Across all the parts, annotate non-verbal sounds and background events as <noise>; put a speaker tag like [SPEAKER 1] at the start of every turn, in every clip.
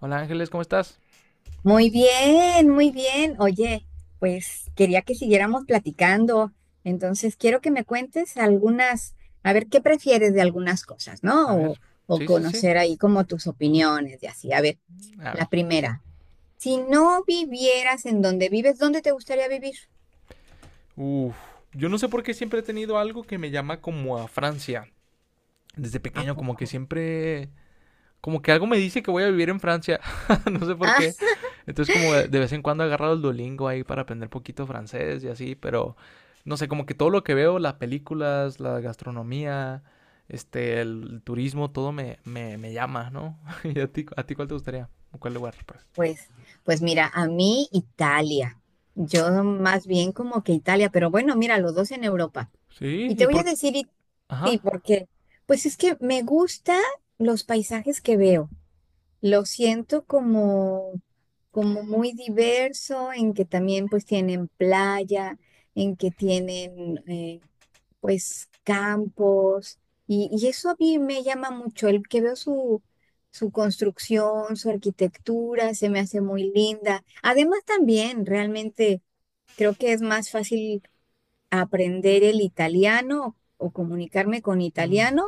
[SPEAKER 1] Hola Ángeles, ¿cómo estás?
[SPEAKER 2] Muy bien, muy bien. Oye, pues quería que siguiéramos platicando. Entonces, quiero que me cuentes algunas, a ver, ¿qué prefieres de algunas cosas,
[SPEAKER 1] A
[SPEAKER 2] no?
[SPEAKER 1] ver.
[SPEAKER 2] O
[SPEAKER 1] Sí, sí, sí.
[SPEAKER 2] conocer ahí como tus opiniones y así. A ver,
[SPEAKER 1] A ver.
[SPEAKER 2] la primera, si no vivieras en donde vives, ¿dónde te gustaría vivir?
[SPEAKER 1] Uf. Yo no sé por qué siempre he tenido algo que me llama como a Francia. Desde
[SPEAKER 2] ¿A
[SPEAKER 1] pequeño, como que
[SPEAKER 2] poco?
[SPEAKER 1] siempre. Como que algo me dice que voy a vivir en Francia. <laughs> No sé por
[SPEAKER 2] Ah,
[SPEAKER 1] qué. Entonces, como de vez en cuando he agarrado el Duolingo ahí para aprender poquito francés y así, pero no sé, como que todo lo que veo, las películas, la gastronomía, este, el turismo, todo me llama, ¿no? <laughs> ¿Y a ti cuál te gustaría? ¿O cuál lugar, pues?
[SPEAKER 2] pues, pues mira, a mí Italia. Yo más bien como que Italia, pero bueno, mira, los dos en Europa.
[SPEAKER 1] Sí,
[SPEAKER 2] Y te
[SPEAKER 1] ¿y
[SPEAKER 2] voy a
[SPEAKER 1] por...
[SPEAKER 2] decir, sí,
[SPEAKER 1] ajá.
[SPEAKER 2] porque pues es que me gustan los paisajes que veo. Lo siento como muy diverso, en que también pues tienen playa, en que tienen pues campos, y eso a mí me llama mucho, el que veo su construcción, su arquitectura, se me hace muy linda. Además también, realmente, creo que es más fácil aprender el italiano o comunicarme con
[SPEAKER 1] Mm.
[SPEAKER 2] italiano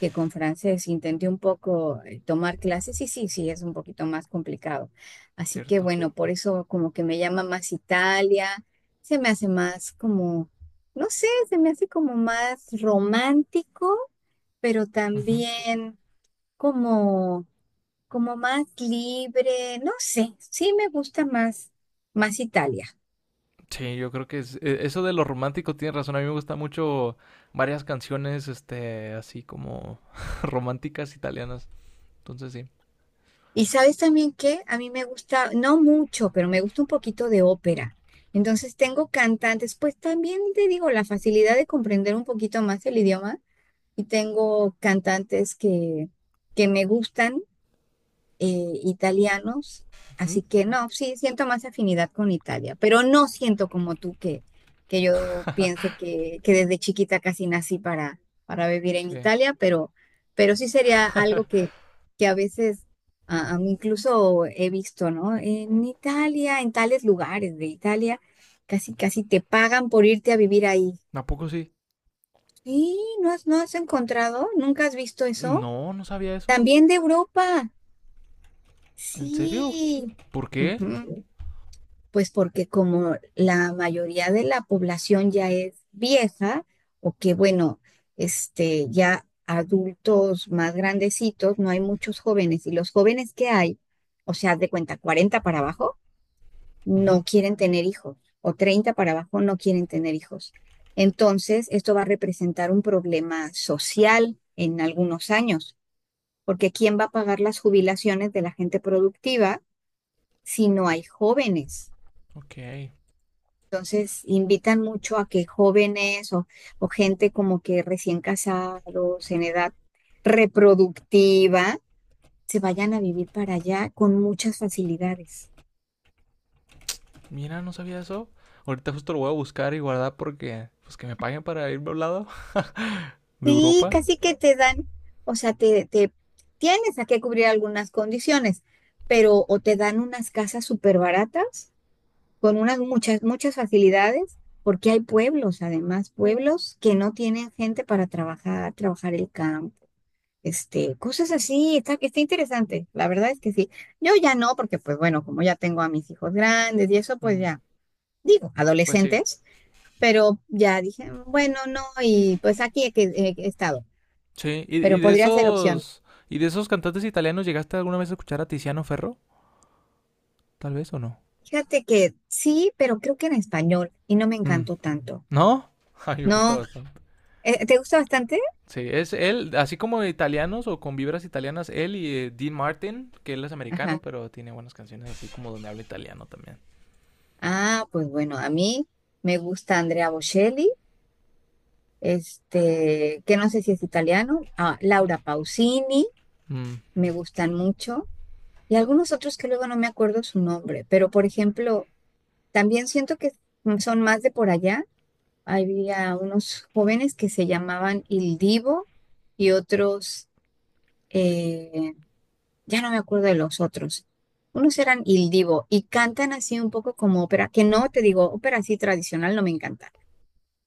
[SPEAKER 2] que con francés. Intenté un poco, tomar clases y sí, sí, es un poquito más complicado. Así que
[SPEAKER 1] Cierto.
[SPEAKER 2] bueno, por eso como que me llama más Italia, se me hace más como, no sé, se me hace como más romántico, pero
[SPEAKER 1] Ujú.
[SPEAKER 2] también como, como más libre, no sé, sí me gusta más Italia.
[SPEAKER 1] Sí, yo creo que es, eso de lo romántico tiene razón. A mí me gusta mucho varias canciones, este, así como <laughs> románticas italianas. Entonces sí.
[SPEAKER 2] Y sabes también que a mí me gusta, no mucho, pero me gusta un poquito de ópera. Entonces tengo cantantes, pues también te digo, la facilidad de comprender un poquito más el idioma y tengo cantantes que me gustan, italianos,
[SPEAKER 1] Ujú.
[SPEAKER 2] así que no, sí siento más afinidad con Italia, pero no siento como tú que, que yo piense que desde chiquita casi nací para vivir en
[SPEAKER 1] Sí.
[SPEAKER 2] Italia, pero sí sería algo que a veces a mí incluso he visto, ¿no? En Italia, en tales lugares de Italia, casi casi te pagan por irte a vivir ahí.
[SPEAKER 1] ¿A poco sí?
[SPEAKER 2] Sí, ¿no has encontrado? ¿Nunca has visto eso?
[SPEAKER 1] No, no sabía eso.
[SPEAKER 2] También de Europa.
[SPEAKER 1] ¿En serio?
[SPEAKER 2] Sí.
[SPEAKER 1] ¿Por qué?
[SPEAKER 2] Ujú. Pues porque como la mayoría de la población ya es vieja o que bueno, ya adultos más grandecitos, no hay muchos jóvenes y los jóvenes que hay, o sea, haz de cuenta 40 para abajo no
[SPEAKER 1] Ujú.
[SPEAKER 2] quieren tener hijos o 30 para abajo no quieren tener hijos. Entonces, esto va a representar un problema social en algunos años, porque ¿quién va a pagar las jubilaciones de la gente productiva si no hay jóvenes?
[SPEAKER 1] Ok.
[SPEAKER 2] Entonces, invitan mucho a que jóvenes o gente como que recién casados, en edad reproductiva, se vayan a vivir para allá con muchas facilidades.
[SPEAKER 1] Mira, no sabía eso. Ahorita justo lo voy a buscar y guardar porque, pues que me paguen para irme a un lado <laughs> de
[SPEAKER 2] Sí,
[SPEAKER 1] Europa.
[SPEAKER 2] casi que te dan, o sea, te tienes a que cubrir algunas condiciones, pero o te dan unas casas súper baratas con unas muchas, muchas facilidades, porque hay pueblos, además, pueblos que no tienen gente para trabajar el campo. Cosas así, está interesante, la verdad es que sí. Yo ya no, porque pues bueno, como ya tengo a mis hijos grandes y eso, pues
[SPEAKER 1] Mm.
[SPEAKER 2] ya, digo,
[SPEAKER 1] Pues sí.
[SPEAKER 2] adolescentes, pero ya dije, bueno, no, y pues aquí he estado,
[SPEAKER 1] Sí, y, y
[SPEAKER 2] pero
[SPEAKER 1] de
[SPEAKER 2] podría ser opción.
[SPEAKER 1] esos, ¿Y de esos cantantes italianos, llegaste alguna vez a escuchar a Tiziano Ferro? Tal vez o no.
[SPEAKER 2] Fíjate que sí, pero creo que en español y no me
[SPEAKER 1] Mm.
[SPEAKER 2] encantó tanto.
[SPEAKER 1] ¿No? <laughs> Ay, me gusta
[SPEAKER 2] No,
[SPEAKER 1] bastante.
[SPEAKER 2] ¿te gusta bastante?
[SPEAKER 1] Sí, es él, así como italianos o con vibras italianas, él y Dean Martin, que él es americano,
[SPEAKER 2] Ajá.
[SPEAKER 1] pero tiene buenas canciones así como donde habla italiano también.
[SPEAKER 2] Ah, pues bueno, a mí me gusta Andrea Bocelli, que no sé si es italiano, ah, Laura Pausini,
[SPEAKER 1] Mm,
[SPEAKER 2] me gustan mucho. Y algunos otros que luego no me acuerdo su nombre, pero por ejemplo, también siento que son más de por allá. Había unos jóvenes que se llamaban Il Divo y otros, eh, ya no me acuerdo de los otros. Unos eran Il Divo y cantan así un poco como ópera, que no te digo, ópera así tradicional no me encanta,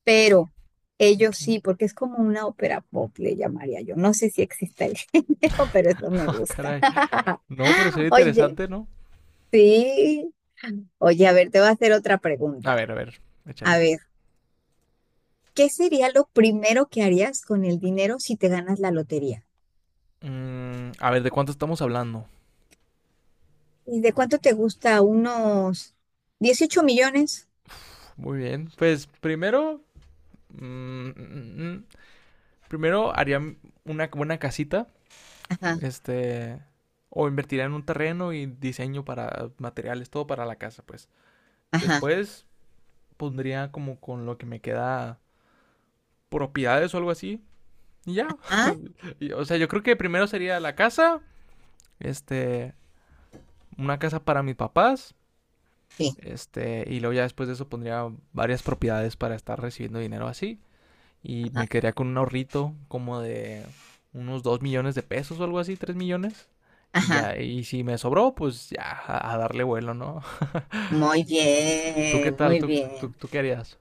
[SPEAKER 2] pero ellos
[SPEAKER 1] ok.
[SPEAKER 2] sí, porque es como una ópera pop, le llamaría yo. No sé si existe el <laughs> género, pero eso me
[SPEAKER 1] <laughs>
[SPEAKER 2] gusta.
[SPEAKER 1] Caray. No, pero sería
[SPEAKER 2] <laughs> Oye,
[SPEAKER 1] interesante, ¿no?
[SPEAKER 2] sí. Oye, a ver, te voy a hacer otra pregunta.
[SPEAKER 1] A ver,
[SPEAKER 2] A
[SPEAKER 1] échale.
[SPEAKER 2] ver, ¿qué sería lo primero que harías con el dinero si te ganas la lotería?
[SPEAKER 1] A ver, ¿de cuánto estamos hablando?
[SPEAKER 2] ¿Y de cuánto te gusta? ¿Unos 18 millones?
[SPEAKER 1] Muy bien. Pues primero, mm, mm, mm, mm, primero haría una buena casita.
[SPEAKER 2] Ajá,
[SPEAKER 1] Este, o invertiría en un terreno y diseño para materiales, todo para la casa, pues.
[SPEAKER 2] ajá.
[SPEAKER 1] Después pondría, como con lo que me queda, propiedades o algo así. Y ya.
[SPEAKER 2] Ah,
[SPEAKER 1] <laughs> Y, o sea, yo creo que primero sería la casa, este, una casa para mis papás,
[SPEAKER 2] sí,
[SPEAKER 1] este, y luego ya después de eso pondría varias propiedades para estar recibiendo dinero así. Y
[SPEAKER 2] ajá,
[SPEAKER 1] me quedaría con un ahorrito como de unos 2 millones de pesos o algo así, 3 millones. Y
[SPEAKER 2] ajá.
[SPEAKER 1] ya, y si me sobró, pues ya a darle vuelo, ¿no? <laughs>
[SPEAKER 2] Muy
[SPEAKER 1] ¿Tú qué
[SPEAKER 2] bien,
[SPEAKER 1] tal?
[SPEAKER 2] muy
[SPEAKER 1] ¿Tú, tú,
[SPEAKER 2] bien.
[SPEAKER 1] tú qué harías?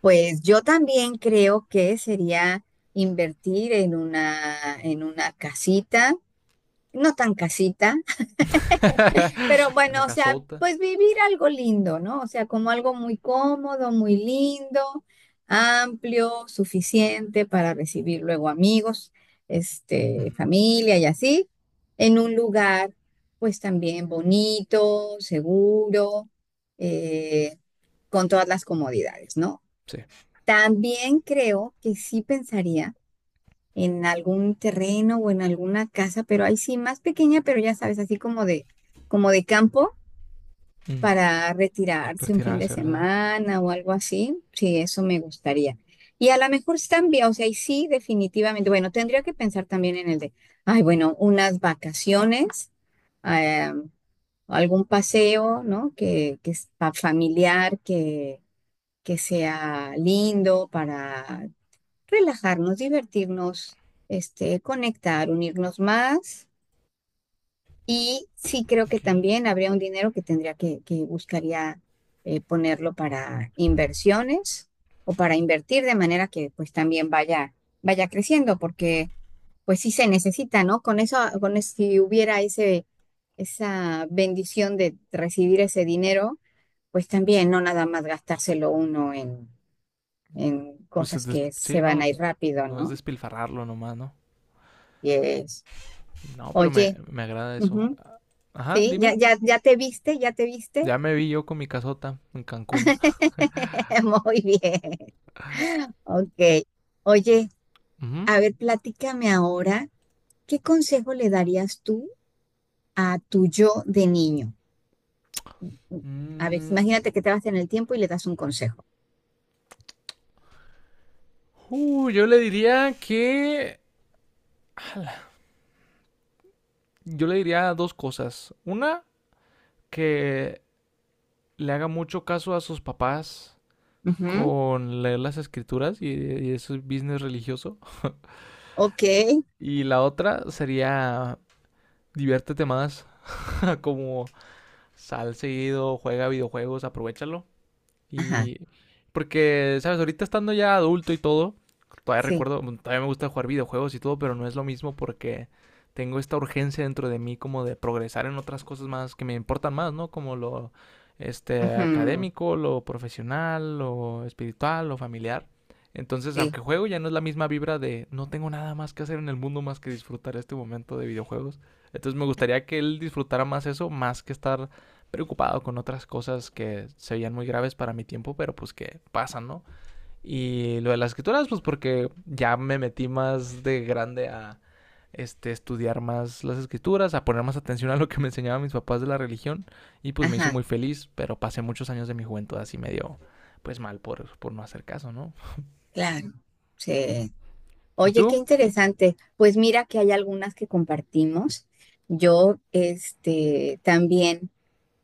[SPEAKER 2] Pues yo también creo que sería invertir en una, casita, no tan casita. Pero
[SPEAKER 1] <laughs>
[SPEAKER 2] bueno,
[SPEAKER 1] La
[SPEAKER 2] o sea,
[SPEAKER 1] casota.
[SPEAKER 2] pues vivir algo lindo, ¿no? O sea, como algo muy cómodo, muy lindo, amplio, suficiente para recibir luego amigos,
[SPEAKER 1] Ujú.
[SPEAKER 2] familia y así, en un lugar, pues también bonito, seguro, eh, con todas las comodidades, ¿no?
[SPEAKER 1] Sí.
[SPEAKER 2] También creo que sí pensaría en algún terreno o en alguna casa, pero ahí sí más pequeña, pero ya sabes, así como de campo
[SPEAKER 1] Mm.
[SPEAKER 2] para retirarse un fin de
[SPEAKER 1] Retirarse, ¿verdad?
[SPEAKER 2] semana o algo así. Sí, eso me gustaría. Y a lo mejor también, o sea, y sí, definitivamente, bueno, tendría que pensar también ay, bueno, unas vacaciones, eh, algún paseo, ¿no? Que es familiar, que sea lindo para relajarnos, divertirnos, conectar, unirnos más. Y sí creo que
[SPEAKER 1] Ok.
[SPEAKER 2] también habría un dinero que tendría que buscaría, ponerlo para inversiones o para invertir de manera que pues también vaya creciendo, porque pues sí se necesita, ¿no? Con eso, si hubiera esa bendición de recibir ese dinero, pues también no nada más gastárselo uno en
[SPEAKER 1] Pues
[SPEAKER 2] cosas que se
[SPEAKER 1] sí,
[SPEAKER 2] van a
[SPEAKER 1] no.
[SPEAKER 2] ir rápido,
[SPEAKER 1] No es
[SPEAKER 2] ¿no?
[SPEAKER 1] despilfarrarlo nomás, ¿no?
[SPEAKER 2] Y es,
[SPEAKER 1] No, pero
[SPEAKER 2] Oye,
[SPEAKER 1] me agrada eso.
[SPEAKER 2] ujú,
[SPEAKER 1] Ajá,
[SPEAKER 2] sí,
[SPEAKER 1] dime.
[SPEAKER 2] ya, ya, ya te viste, ya te viste.
[SPEAKER 1] Ya me vi yo con mi casota en Cancún.
[SPEAKER 2] <laughs> Muy bien, ok. Oye,
[SPEAKER 1] Ujú.
[SPEAKER 2] a ver, platícame ahora, ¿qué consejo le darías tú a tu yo de niño? A ver,
[SPEAKER 1] Mm,
[SPEAKER 2] imagínate que te vas en el tiempo y le das un consejo.
[SPEAKER 1] yo le diría que... yo le diría dos cosas. Una, que le haga mucho caso a sus papás
[SPEAKER 2] Ujú,
[SPEAKER 1] con leer las escrituras y ese business religioso.
[SPEAKER 2] ok,
[SPEAKER 1] Y la otra sería: diviértete más, <laughs> como sal seguido, juega videojuegos, aprovechalo.
[SPEAKER 2] ajá,
[SPEAKER 1] Y porque, ¿sabes? Ahorita estando ya adulto y todo, todavía
[SPEAKER 2] sí,
[SPEAKER 1] recuerdo, bueno, todavía me gusta jugar videojuegos y todo, pero no es lo mismo porque tengo esta urgencia dentro de mí como de progresar en otras cosas más que me importan más, ¿no? Como lo, este,
[SPEAKER 2] ujú,
[SPEAKER 1] académico, lo profesional, lo espiritual, lo familiar. Entonces,
[SPEAKER 2] sí,
[SPEAKER 1] aunque juego, ya no es la misma vibra de no tengo nada más que hacer en el mundo más que disfrutar este momento de videojuegos. Entonces, me gustaría que él disfrutara más eso, más que estar preocupado con otras cosas que se veían muy graves para mi tiempo, pero pues que pasan, ¿no? Y lo de las escrituras, pues porque ya me metí más de grande a, este, estudiar más las escrituras, a poner más atención a lo que me enseñaban mis papás de la religión y pues me hizo
[SPEAKER 2] ajá,
[SPEAKER 1] muy feliz, pero pasé muchos años de mi juventud así medio, pues, mal por no hacer caso, ¿no?
[SPEAKER 2] claro, sí.
[SPEAKER 1] ¿Y
[SPEAKER 2] Oye, qué
[SPEAKER 1] tú?
[SPEAKER 2] interesante. Pues mira que hay algunas que compartimos. Yo, también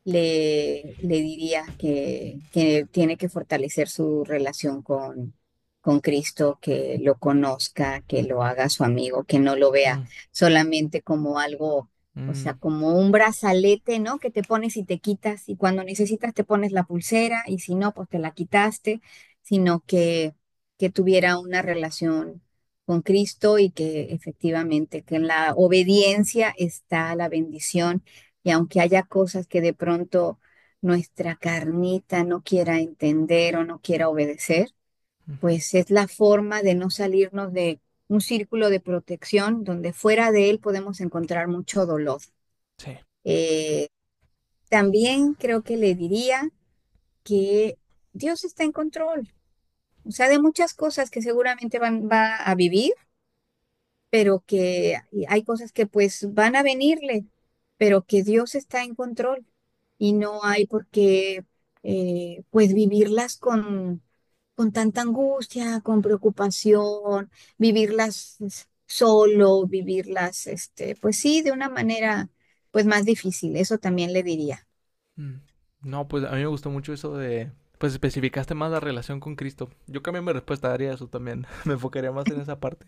[SPEAKER 2] le diría que tiene que fortalecer su relación con Cristo, que lo conozca, que lo haga su amigo, que no lo vea
[SPEAKER 1] Mm,
[SPEAKER 2] solamente como algo, o sea,
[SPEAKER 1] mm,
[SPEAKER 2] como un brazalete, ¿no? Que te pones y te quitas, y cuando necesitas te pones la pulsera, y si no, pues te la quitaste, sino que tuviera una relación con Cristo y que efectivamente que en la obediencia está la bendición y aunque haya cosas que de pronto nuestra carnita no quiera entender o no quiera obedecer,
[SPEAKER 1] mm,
[SPEAKER 2] pues es la forma de no salirnos de un círculo de protección donde fuera de él podemos encontrar mucho dolor.
[SPEAKER 1] sí.
[SPEAKER 2] Eh, también creo que le diría que Dios está en control, o sea, de muchas cosas que seguramente va a vivir, pero que hay cosas que pues van a venirle, pero que Dios está en control y no hay por qué, pues vivirlas con tanta angustia, con preocupación, vivirlas es, solo, vivirlas, pues sí, de una manera pues más difícil, eso también le diría.
[SPEAKER 1] Mm. No, pues a mí me gustó mucho eso de, pues, especificaste más la relación con Cristo. Yo cambié mi respuesta, haría eso también. <laughs> Me enfocaría más en esa parte.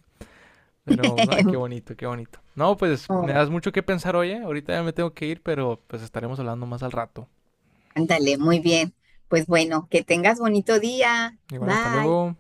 [SPEAKER 1] Pero, ay, qué
[SPEAKER 2] <laughs>
[SPEAKER 1] bonito, qué bonito. No, pues me
[SPEAKER 2] Oh,
[SPEAKER 1] das mucho que pensar, oye. Ahorita ya me tengo que ir, pero pues estaremos hablando más al rato.
[SPEAKER 2] ándale, muy bien. Pues bueno, que tengas bonito día.
[SPEAKER 1] Igual, hasta
[SPEAKER 2] Bye.
[SPEAKER 1] luego.